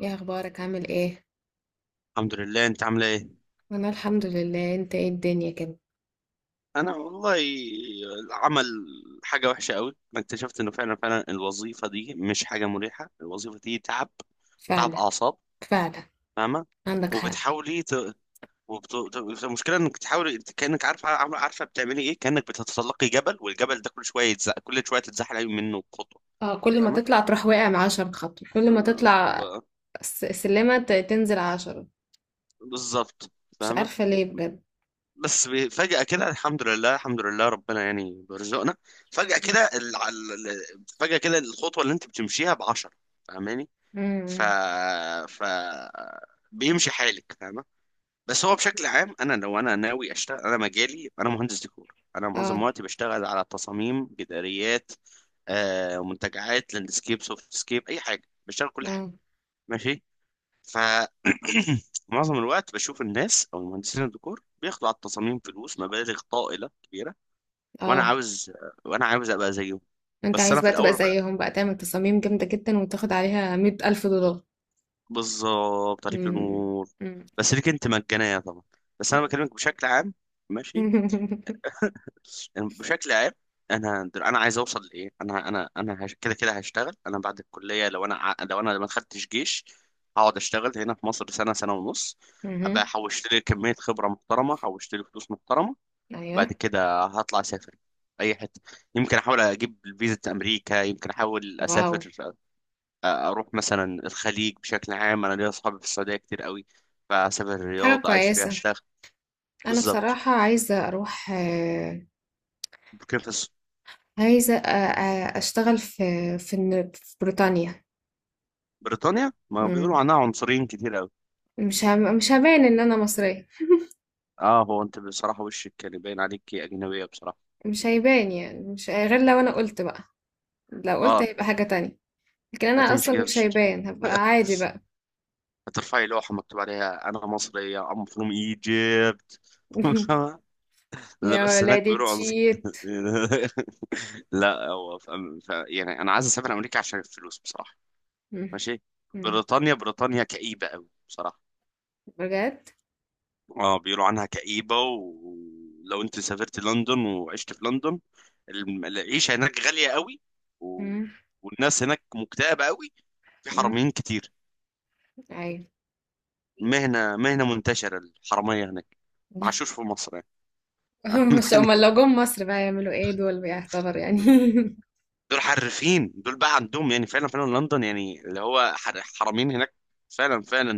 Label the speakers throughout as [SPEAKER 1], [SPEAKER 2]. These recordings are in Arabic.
[SPEAKER 1] ايه اخبارك؟ عامل ايه؟
[SPEAKER 2] الحمد لله. انت عامله ايه؟
[SPEAKER 1] انا الحمد لله. انت ايه الدنيا كده؟
[SPEAKER 2] انا والله، العمل حاجه وحشه قوي. انا اكتشفت انه فعلا فعلا الوظيفه دي مش حاجه مريحه. الوظيفه دي تعب، تعب
[SPEAKER 1] فعلا
[SPEAKER 2] اعصاب،
[SPEAKER 1] فعلا
[SPEAKER 2] فاهمه؟
[SPEAKER 1] عندك حق.
[SPEAKER 2] وبتحاولي ت... وبت... ت- المشكله انك تحاولي. انت كانك عارفه، عارفه بتعملي ايه. كانك بتتسلقي جبل، والجبل ده كل شويه يتزق، كل شويه تتزحلقي منه خطوه.
[SPEAKER 1] اه، كل ما
[SPEAKER 2] فاهمه؟
[SPEAKER 1] تطلع تروح واقع مع 10 خطوة. كل ما
[SPEAKER 2] آه،
[SPEAKER 1] تطلع
[SPEAKER 2] ب-
[SPEAKER 1] سلمة تنزل 10.
[SPEAKER 2] بالظبط.
[SPEAKER 1] مش
[SPEAKER 2] فاهمه؟
[SPEAKER 1] عارفة ليه بجد.
[SPEAKER 2] فجأة كده الحمد لله، الحمد لله، ربنا يعني بيرزقنا. فجأة كده فجأة كده الخطوة اللي انت بتمشيها بعشرة. فاهماني؟ ف
[SPEAKER 1] امم.
[SPEAKER 2] ف بيمشي حالك، فاهمة؟ بس هو بشكل عام، لو انا ناوي اشتغل، انا مجالي، انا مهندس ديكور، انا معظم
[SPEAKER 1] اه.
[SPEAKER 2] وقتي بشتغل على تصاميم جداريات، آه، منتجعات، لاندسكيب، سوفت سكيب، اي حاجة. بشتغل كل حاجة.
[SPEAKER 1] اه.
[SPEAKER 2] ماشي. ف معظم الوقت بشوف الناس او مهندسين الديكور بياخدوا على التصاميم فلوس، مبالغ طائله كبيره. وانا
[SPEAKER 1] اه.
[SPEAKER 2] عاوز، وانا عاوز ابقى زيهم.
[SPEAKER 1] انت
[SPEAKER 2] بس
[SPEAKER 1] عايز
[SPEAKER 2] انا في
[SPEAKER 1] بقى تبقى
[SPEAKER 2] الاول وفي
[SPEAKER 1] زيهم
[SPEAKER 2] الآخر-
[SPEAKER 1] بقى، تعمل تصاميم جامدة جدا وتاخد عليها 100 ألف دولار.
[SPEAKER 2] بالظبط، عليك
[SPEAKER 1] امم
[SPEAKER 2] نور.
[SPEAKER 1] امم
[SPEAKER 2] بس ليك انت مجانيه طبعا. بس انا بكلمك بشكل عام، ماشي؟ يعني بشكل عام. انا عايز اوصل لايه. كده كده هشتغل انا بعد الكليه، لو انا ما خدتش جيش، هقعد اشتغل هنا في مصر سنه، سنه ونص. ابقى
[SPEAKER 1] مهم.
[SPEAKER 2] حوشت لي كميه خبره محترمه، حوشت لي فلوس محترمه.
[SPEAKER 1] ايوه.
[SPEAKER 2] بعد كده هطلع اسافر اي حته. يمكن احاول اجيب فيزا امريكا، يمكن احاول
[SPEAKER 1] واو.
[SPEAKER 2] اسافر. اروح مثلا الخليج. بشكل عام انا ليا اصحابي في السعوديه كتير قوي، فاسافر
[SPEAKER 1] حاجة
[SPEAKER 2] الرياض، عايش فيها
[SPEAKER 1] كويسة.
[SPEAKER 2] الشيخ.
[SPEAKER 1] انا
[SPEAKER 2] بالظبط.
[SPEAKER 1] بصراحة عايزة اروح آه.
[SPEAKER 2] كيف في الس-
[SPEAKER 1] عايزة أشتغل في في بريطانيا.
[SPEAKER 2] بريطانيا ما بيقولوا
[SPEAKER 1] مم.
[SPEAKER 2] عنها عنصريين كتير قوي.
[SPEAKER 1] مش هبان إن أنا مصرية.
[SPEAKER 2] اه، هو انت بصراحه وشك كان باين عليكي اجنبيه بصراحه.
[SPEAKER 1] مش هيبان يعني، مش غير لو أنا قلت بقى. لو قلت
[SPEAKER 2] اه،
[SPEAKER 1] هيبقى حاجة تانية. لكن أنا
[SPEAKER 2] هتمشي
[SPEAKER 1] أصلا
[SPEAKER 2] كده في
[SPEAKER 1] مش
[SPEAKER 2] الشارع،
[SPEAKER 1] هيبان، هبقى عادي بقى.
[SPEAKER 2] هترفعي لوحه مكتوب عليها انا مصريه، ام فروم ايجيبت. لا
[SPEAKER 1] يا
[SPEAKER 2] بس هناك
[SPEAKER 1] ولادي
[SPEAKER 2] بيقولوا عنصر.
[SPEAKER 1] تشيت.
[SPEAKER 2] لا هو يعني انا عايز اسافر امريكا عشان الفلوس بصراحه.
[SPEAKER 1] مم.
[SPEAKER 2] ماشي.
[SPEAKER 1] مم.
[SPEAKER 2] بريطانيا، بريطانيا كئيبه قوي بصراحه.
[SPEAKER 1] بجد؟
[SPEAKER 2] اه، بيقولوا عنها كئيبه. ولو انت سافرت لندن وعشت في لندن، العيشه هناك غاليه قوي، و...
[SPEAKER 1] مم.
[SPEAKER 2] والناس هناك مكتئبه قوي. في
[SPEAKER 1] مم.
[SPEAKER 2] حراميين كتير.
[SPEAKER 1] أيوة.
[SPEAKER 2] مهنه، مهنه منتشره الحراميه هناك. ما عاشوش في مصر يعني.
[SPEAKER 1] مش
[SPEAKER 2] يعني
[SPEAKER 1] هما لو جم مصر بقى يعملوا ايه؟ دول بيعتبر يعني.
[SPEAKER 2] دول حرفين، دول بقى عندهم، يعني فعلا فعلا لندن، يعني اللي هو حرامين هناك، فعلا فعلا.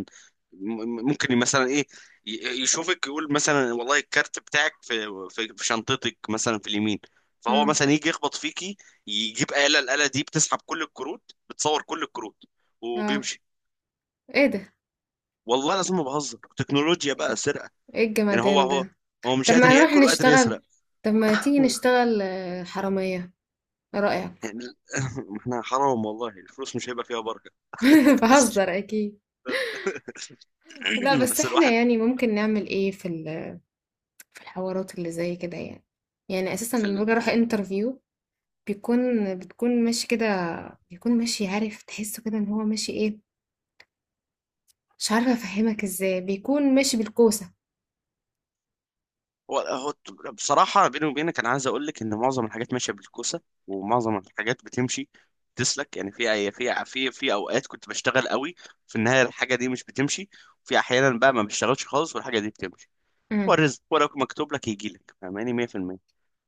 [SPEAKER 2] ممكن مثلا ايه، يشوفك يقول مثلا، والله الكارت بتاعك في شنطتك مثلا في اليمين، فهو
[SPEAKER 1] مم.
[SPEAKER 2] مثلا يجي يخبط فيكي، يجيب آلة. الآلة دي بتسحب كل الكروت، بتصور كل الكروت
[SPEAKER 1] اه.
[SPEAKER 2] وبيمشي.
[SPEAKER 1] ايه ده؟
[SPEAKER 2] والله لازم، ما بهزر، تكنولوجيا بقى، سرقة.
[SPEAKER 1] ايه
[SPEAKER 2] يعني هو
[SPEAKER 1] الجمدان
[SPEAKER 2] هو
[SPEAKER 1] ده؟
[SPEAKER 2] هو مش
[SPEAKER 1] طب
[SPEAKER 2] قادر
[SPEAKER 1] ما نروح
[SPEAKER 2] ياكل وقادر
[SPEAKER 1] نشتغل.
[SPEAKER 2] يسرق.
[SPEAKER 1] طب ما تيجي نشتغل آه، حرامية. ايه رأيك؟
[SPEAKER 2] يعني ال- احنا حرام والله، الفلوس مش هيبقى فيها بركة.
[SPEAKER 1] بهزر اكيد. لا بس
[SPEAKER 2] بس
[SPEAKER 1] احنا
[SPEAKER 2] الواحد.
[SPEAKER 1] يعني ممكن نعمل ايه في في الحوارات اللي زي كده يعني؟ يعني اساسا
[SPEAKER 2] في
[SPEAKER 1] لما
[SPEAKER 2] ال...
[SPEAKER 1] باجي اروح انترفيو بتكون ماشي كده. بيكون ماشي، عارف، تحسه كده ان هو ماشي ايه. مش عارفة افهمك ازاي، بيكون ماشي بالكوسة.
[SPEAKER 2] هو بصراحة، بيني وبينك، أنا عايز أقول لك إن معظم الحاجات ماشية بالكوسة، ومعظم الحاجات بتمشي، تسلك يعني. في أوقات كنت بشتغل قوي، في النهاية الحاجة دي مش بتمشي. وفي أحيانا بقى ما بشتغلش خالص، والحاجة دي بتمشي. هو
[SPEAKER 1] امم.
[SPEAKER 2] الرزق ولو مكتوب لك يجي لك، فاهماني؟ 100%.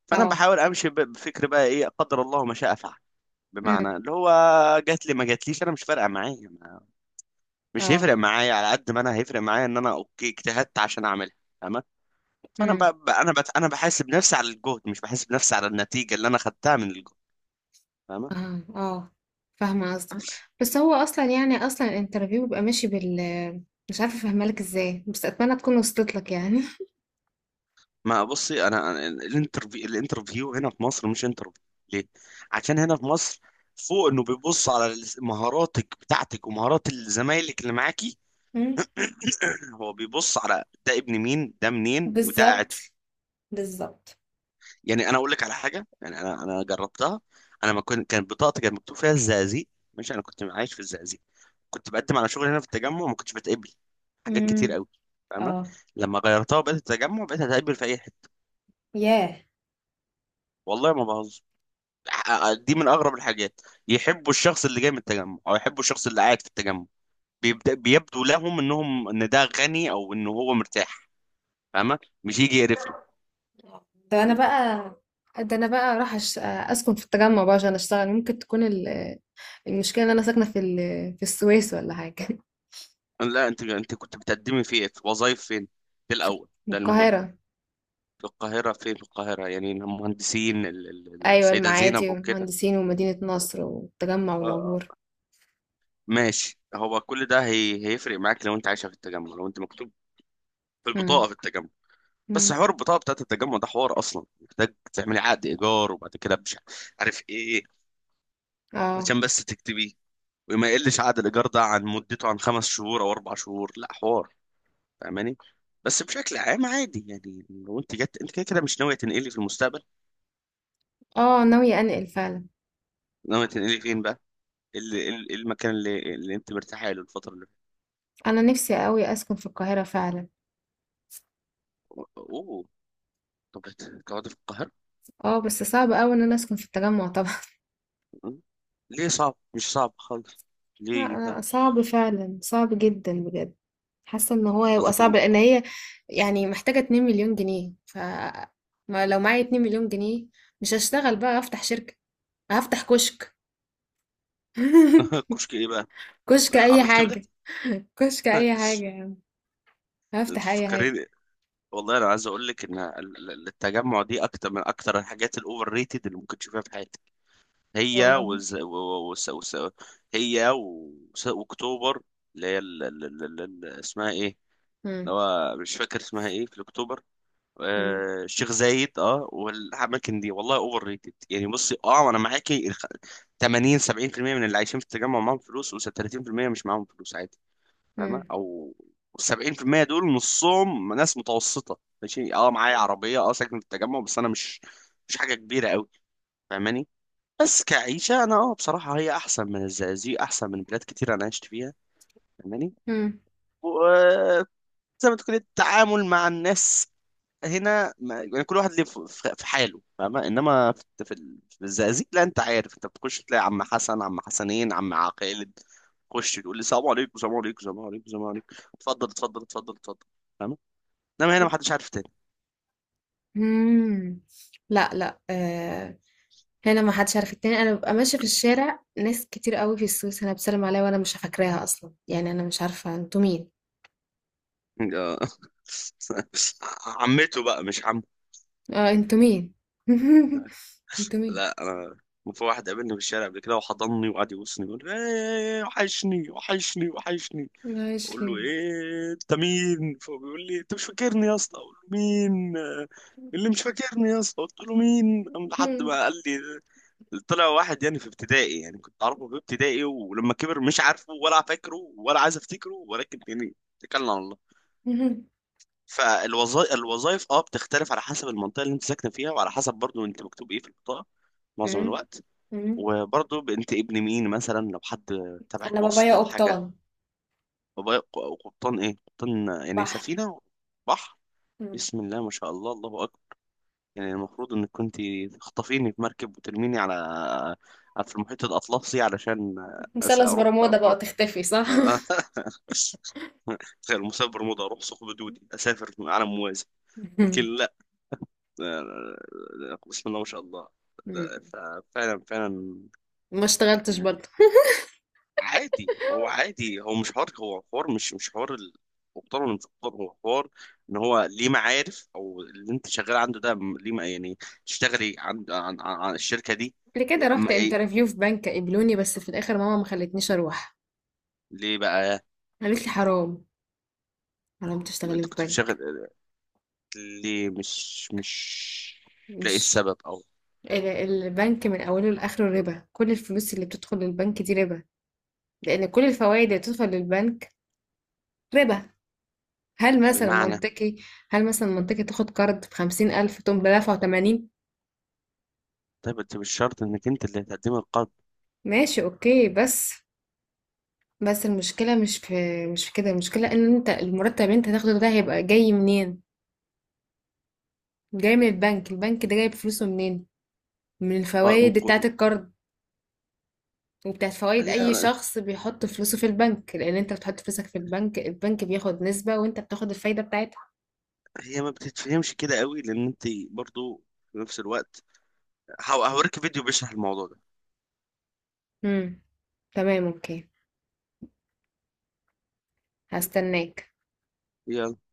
[SPEAKER 2] فأنا
[SPEAKER 1] اه.
[SPEAKER 2] بحاول أمشي، بفكر بقى، إيه قدر الله ما شاء فعل.
[SPEAKER 1] امم.
[SPEAKER 2] بمعنى اللي هو جات لي، ما جاتليش، أنا مش فارقة معايا. مش
[SPEAKER 1] اه.
[SPEAKER 2] هيفرق معايا على قد ما أنا هيفرق معايا إن أنا، أوكي، اجتهدت عشان أعملها. فانا انا بحاسب نفسي على الجهد، مش بحاسب نفسي على النتيجه اللي انا خدتها من الجهد. فاهمه؟
[SPEAKER 1] آه، آه، فاهمة قصدك. بس هو أصلًا يعني أصلًا الinterview بيبقى ماشي بال، مش عارفة أفهمها لك إزاي، بس أتمنى تكون وصلت لك يعني.
[SPEAKER 2] ما بصي، أنا الانترفيو، الانترفيو هنا في مصر مش انترفيو. ليه؟ عشان هنا في مصر، فوق انه بيبص على مهاراتك بتاعتك ومهارات زمايلك اللي معاكي،
[SPEAKER 1] إمم.
[SPEAKER 2] هو بيبص على ده ابن مين، ده منين، وده
[SPEAKER 1] بالضبط،
[SPEAKER 2] قاعد فين.
[SPEAKER 1] بالضبط.
[SPEAKER 2] يعني انا اقول لك على حاجه، يعني انا جربتها. انا ما كنت كانت بطاقتي كان مكتوب فيها الزقازيق، مش انا كنت عايش في الزقازيق. كنت بقدم على شغل هنا في التجمع، ما كنتش بتقبل حاجات كتير
[SPEAKER 1] إمم.
[SPEAKER 2] قوي. فاهمة؟
[SPEAKER 1] آه.
[SPEAKER 2] لما غيرتها وبقيت التجمع، بقيت هتقبل في اي حته.
[SPEAKER 1] ياه!
[SPEAKER 2] والله ما بهزر. دي من اغرب الحاجات. يحبوا الشخص اللي جاي من التجمع، او يحبوا الشخص اللي قاعد في التجمع. بيبدأ بيبدو لهم انهم، ان ده غني او ان هو مرتاح، فاهمة؟ مش يجي يقرفني.
[SPEAKER 1] ده أنا بقى، ده أنا بقى أروح أش أسكن في التجمع بقى عشان أشتغل. ممكن تكون ال، المشكلة إن أنا ساكنة في ال، في السويس والّا حاجة،
[SPEAKER 2] لا، انت كنت بتقدمي في ايه؟ في وظايف فين؟ في الاول
[SPEAKER 1] من
[SPEAKER 2] ده المهم.
[SPEAKER 1] القاهرة.
[SPEAKER 2] في القاهرة فين؟ في القاهرة يعني المهندسين،
[SPEAKER 1] أيوه،
[SPEAKER 2] السيدة زينب
[SPEAKER 1] المعادي
[SPEAKER 2] وكده.
[SPEAKER 1] والمهندسين ومدينة نصر والتجمع
[SPEAKER 2] اه، آه.
[SPEAKER 1] والعبور.
[SPEAKER 2] ماشي. هو كل ده هيفرق معاك لو انت عايشه في التجمع، لو انت مكتوب في
[SPEAKER 1] إمم.
[SPEAKER 2] البطاقه في التجمع. بس
[SPEAKER 1] إمم.
[SPEAKER 2] حوار البطاقه بتاعت التجمع ده حوار اصلا، محتاج تعملي عقد ايجار، وبعد كده مش عارف ايه،
[SPEAKER 1] آه.
[SPEAKER 2] عشان بس تكتبيه. وما يقلش عقد الايجار ده عن مدته عن 5 شهور او 4 شهور، لا حوار. فاهماني؟ بس بشكل عام عادي يعني، لو انت جت، انت كده كده مش ناويه تنقلي في المستقبل.
[SPEAKER 1] آه. ناوية أنقل فعلًا.
[SPEAKER 2] ناويه تنقلي فين بقى؟ ايه ايه المكان اللي انت مرتاحه له الفتره اللي فاتت؟
[SPEAKER 1] انا نفسي قوي اسكن في القاهره فعلا.
[SPEAKER 2] اوه. طب تقعدي في القاهره.
[SPEAKER 1] اه بس صعب قوي ان انا اسكن في التجمع طبعا.
[SPEAKER 2] ليه صعب؟ مش صعب خالص.
[SPEAKER 1] لا
[SPEAKER 2] ليه صعب؟
[SPEAKER 1] أنا صعب فعلا، صعب جدا بجد. حاسه ان هو هيبقى
[SPEAKER 2] قصدك
[SPEAKER 1] صعب لان هي يعني محتاجه 2 مليون جنيه. ف ما لو معايا 2 مليون جنيه مش هشتغل بقى، افتح شركه. هفتح كشك.
[SPEAKER 2] كشك ايه بقى؟
[SPEAKER 1] كشك اي
[SPEAKER 2] عربية كبدة.
[SPEAKER 1] حاجه. كشك اي حاجه يعني.
[SPEAKER 2] انت
[SPEAKER 1] هفتح اي حاجه.
[SPEAKER 2] فكرين. والله انا عايز اقول لك ان التجمع دي اكتر من اكتر الحاجات الاوفر ريتد اللي ممكن تشوفها في حياتك. هي
[SPEAKER 1] والله.
[SPEAKER 2] وز... و... و... وس... وس... هي واكتوبر. اللي هي اسمها ايه، اللي
[SPEAKER 1] امم
[SPEAKER 2] هو مش فاكر اسمها ايه في اكتوبر، آه، الشيخ زايد. اه، والاماكن دي والله اوفر ريتد. يعني بصي، اه انا معاكي. 80، 70% من اللي عايشين في التجمع معاهم فلوس، و30% مش معاهم فلوس عادي. فاهمه؟
[SPEAKER 1] امم
[SPEAKER 2] او 70% دول نصهم ناس متوسطه، ماشي. اه معايا عربيه، اه ساكن في التجمع، بس انا مش، مش حاجه كبيره قوي، فاهماني؟ بس كعيشه انا، اه بصراحه هي احسن من الزقازيق، احسن من بلاد كتير انا عشت فيها،
[SPEAKER 1] امم
[SPEAKER 2] فاهماني؟ زي ما تكون التعامل مع الناس هنا، ما يعني كل واحد ليه في حاله، فاهمة؟ انما في الزقازيق لا، انت عارف، انت بتخش تلاقي عم حسن، عم حسنين، عم عقيل، تخش تقول لي السلام عليكم، السلام عليكم، السلام عليكم، السلام عليكم، اتفضل، اتفضل، اتفضل، اتفضل، فاهمة؟ انما هنا ما حدش عارف تاني.
[SPEAKER 1] امم لا آه، لا ما حدش عارف التاني. انا ببقى ماشيه في الشارع ناس كتير قوي في السويس انا بسلم عليها وانا مش فاكراها اصلا، يعني انا مش عارفه انتوا مين.
[SPEAKER 2] آه. عمته بقى مش عمه.
[SPEAKER 1] اه، انتوا مين؟ انتوا مين؟
[SPEAKER 2] لا انا، في واحد قابلني في الشارع قبل كده وحضني وقعد يبوسني يقول لي، ايه، إيه، إيه، وحشني، وحشني، وحشني.
[SPEAKER 1] عايش
[SPEAKER 2] بقول له
[SPEAKER 1] ليه؟
[SPEAKER 2] ايه انت مين، فهو بيقول لي انت مش فاكرني يا اسطى، اقول له مين آه، اللي مش فاكرني يا اسطى، قلت له مين، قام لحد
[SPEAKER 1] مم.
[SPEAKER 2] ما قال لي، طلع واحد يعني في ابتدائي، يعني كنت اعرفه في ابتدائي، ولما كبر مش عارفه ولا فاكره ولا عايز افتكره، ولكن يعني اتكلنا على الله.
[SPEAKER 1] مم.
[SPEAKER 2] فالوظائف، الوظائف اه بتختلف على حسب المنطقه اللي انت ساكنه فيها، وعلى حسب برضو انت مكتوب ايه في البطاقه معظم
[SPEAKER 1] مم.
[SPEAKER 2] الوقت.
[SPEAKER 1] مم.
[SPEAKER 2] وبرضو انت ابن مين، مثلا لو حد تبعك،
[SPEAKER 1] انا بابايا
[SPEAKER 2] واسطه، حاجه.
[SPEAKER 1] قبطان.
[SPEAKER 2] وقبطان ايه؟ قبطان يعني
[SPEAKER 1] بحر.
[SPEAKER 2] سفينة، بحر.
[SPEAKER 1] مم.
[SPEAKER 2] بسم الله ما شاء الله، الله أكبر. يعني المفروض انك كنت تخطفيني في مركب وترميني في المحيط الأطلسي، علشان
[SPEAKER 1] مثلث
[SPEAKER 2] أروح
[SPEAKER 1] برمودا بقى
[SPEAKER 2] فرنسا.
[SPEAKER 1] تختفي صح؟
[SPEAKER 2] غير مسافر برمودا، أروح ثقب دودي، أسافر عالم موازي. لكن لا. آه، آه، آه، بسم الله ما شاء الله.
[SPEAKER 1] مم.
[SPEAKER 2] لا، ففعلا فعلا.
[SPEAKER 1] ما اشتغلتش
[SPEAKER 2] يعني
[SPEAKER 1] برضه.
[SPEAKER 2] عادي، هو عادي، هو مش حوار، هو حوار، مش حوار مقتدر ولا مش مقتدر. هو حوار ان هو ليه معارف، او اللي انت شغال عنده ده، ليه يعني تشتغلي عن الشركه دي.
[SPEAKER 1] قبل كده
[SPEAKER 2] ليه
[SPEAKER 1] رحت
[SPEAKER 2] أما إيه-
[SPEAKER 1] انترفيو في بنك، قبلوني بس في الاخر ماما ما خلتنيش اروح.
[SPEAKER 2] ليه بقى؟
[SPEAKER 1] قالت لي حرام. حرام
[SPEAKER 2] انت
[SPEAKER 1] تشتغلي في
[SPEAKER 2] كنت بتشتغل؟
[SPEAKER 1] بنك.
[SPEAKER 2] ليه مش لاقي
[SPEAKER 1] مش
[SPEAKER 2] السبب؟ او
[SPEAKER 1] البنك من أوله لآخره ربا؟ كل الفلوس اللي بتدخل للبنك دي ربا. لأن كل الفوائد اللي بتدخل للبنك ربا. هل مثلا
[SPEAKER 2] بمعنى.
[SPEAKER 1] منطقي، هل مثلا منطقي تاخد قرض بخمسين ألف تقوم بدافعه 80؟
[SPEAKER 2] طيب انت مش شرط انك انت اللي هتقدمي القرض.
[SPEAKER 1] ماشي أوكي. بس، بس المشكلة مش في، مش في كده. المشكلة إن أنت المرتب اللي أنت هتاخده ده هيبقى جاي منين؟ جاي من البنك. البنك ده جايب فلوسه منين؟ من
[SPEAKER 2] من
[SPEAKER 1] الفوائد بتاعة
[SPEAKER 2] قرض.
[SPEAKER 1] القرض وبتاعت فوائد اي
[SPEAKER 2] هي
[SPEAKER 1] شخص بيحط فلوسه في البنك. لان انت بتحط فلوسك في البنك، البنك بياخد نسبة وانت بتاخد الفايدة بتاعتها.
[SPEAKER 2] هي ما بتتفهمش كده قوي، لان انت برضو في نفس الوقت، هوريك فيديو بيشرح الموضوع
[SPEAKER 1] امم. تمام اوكي. هستناك.
[SPEAKER 2] ده.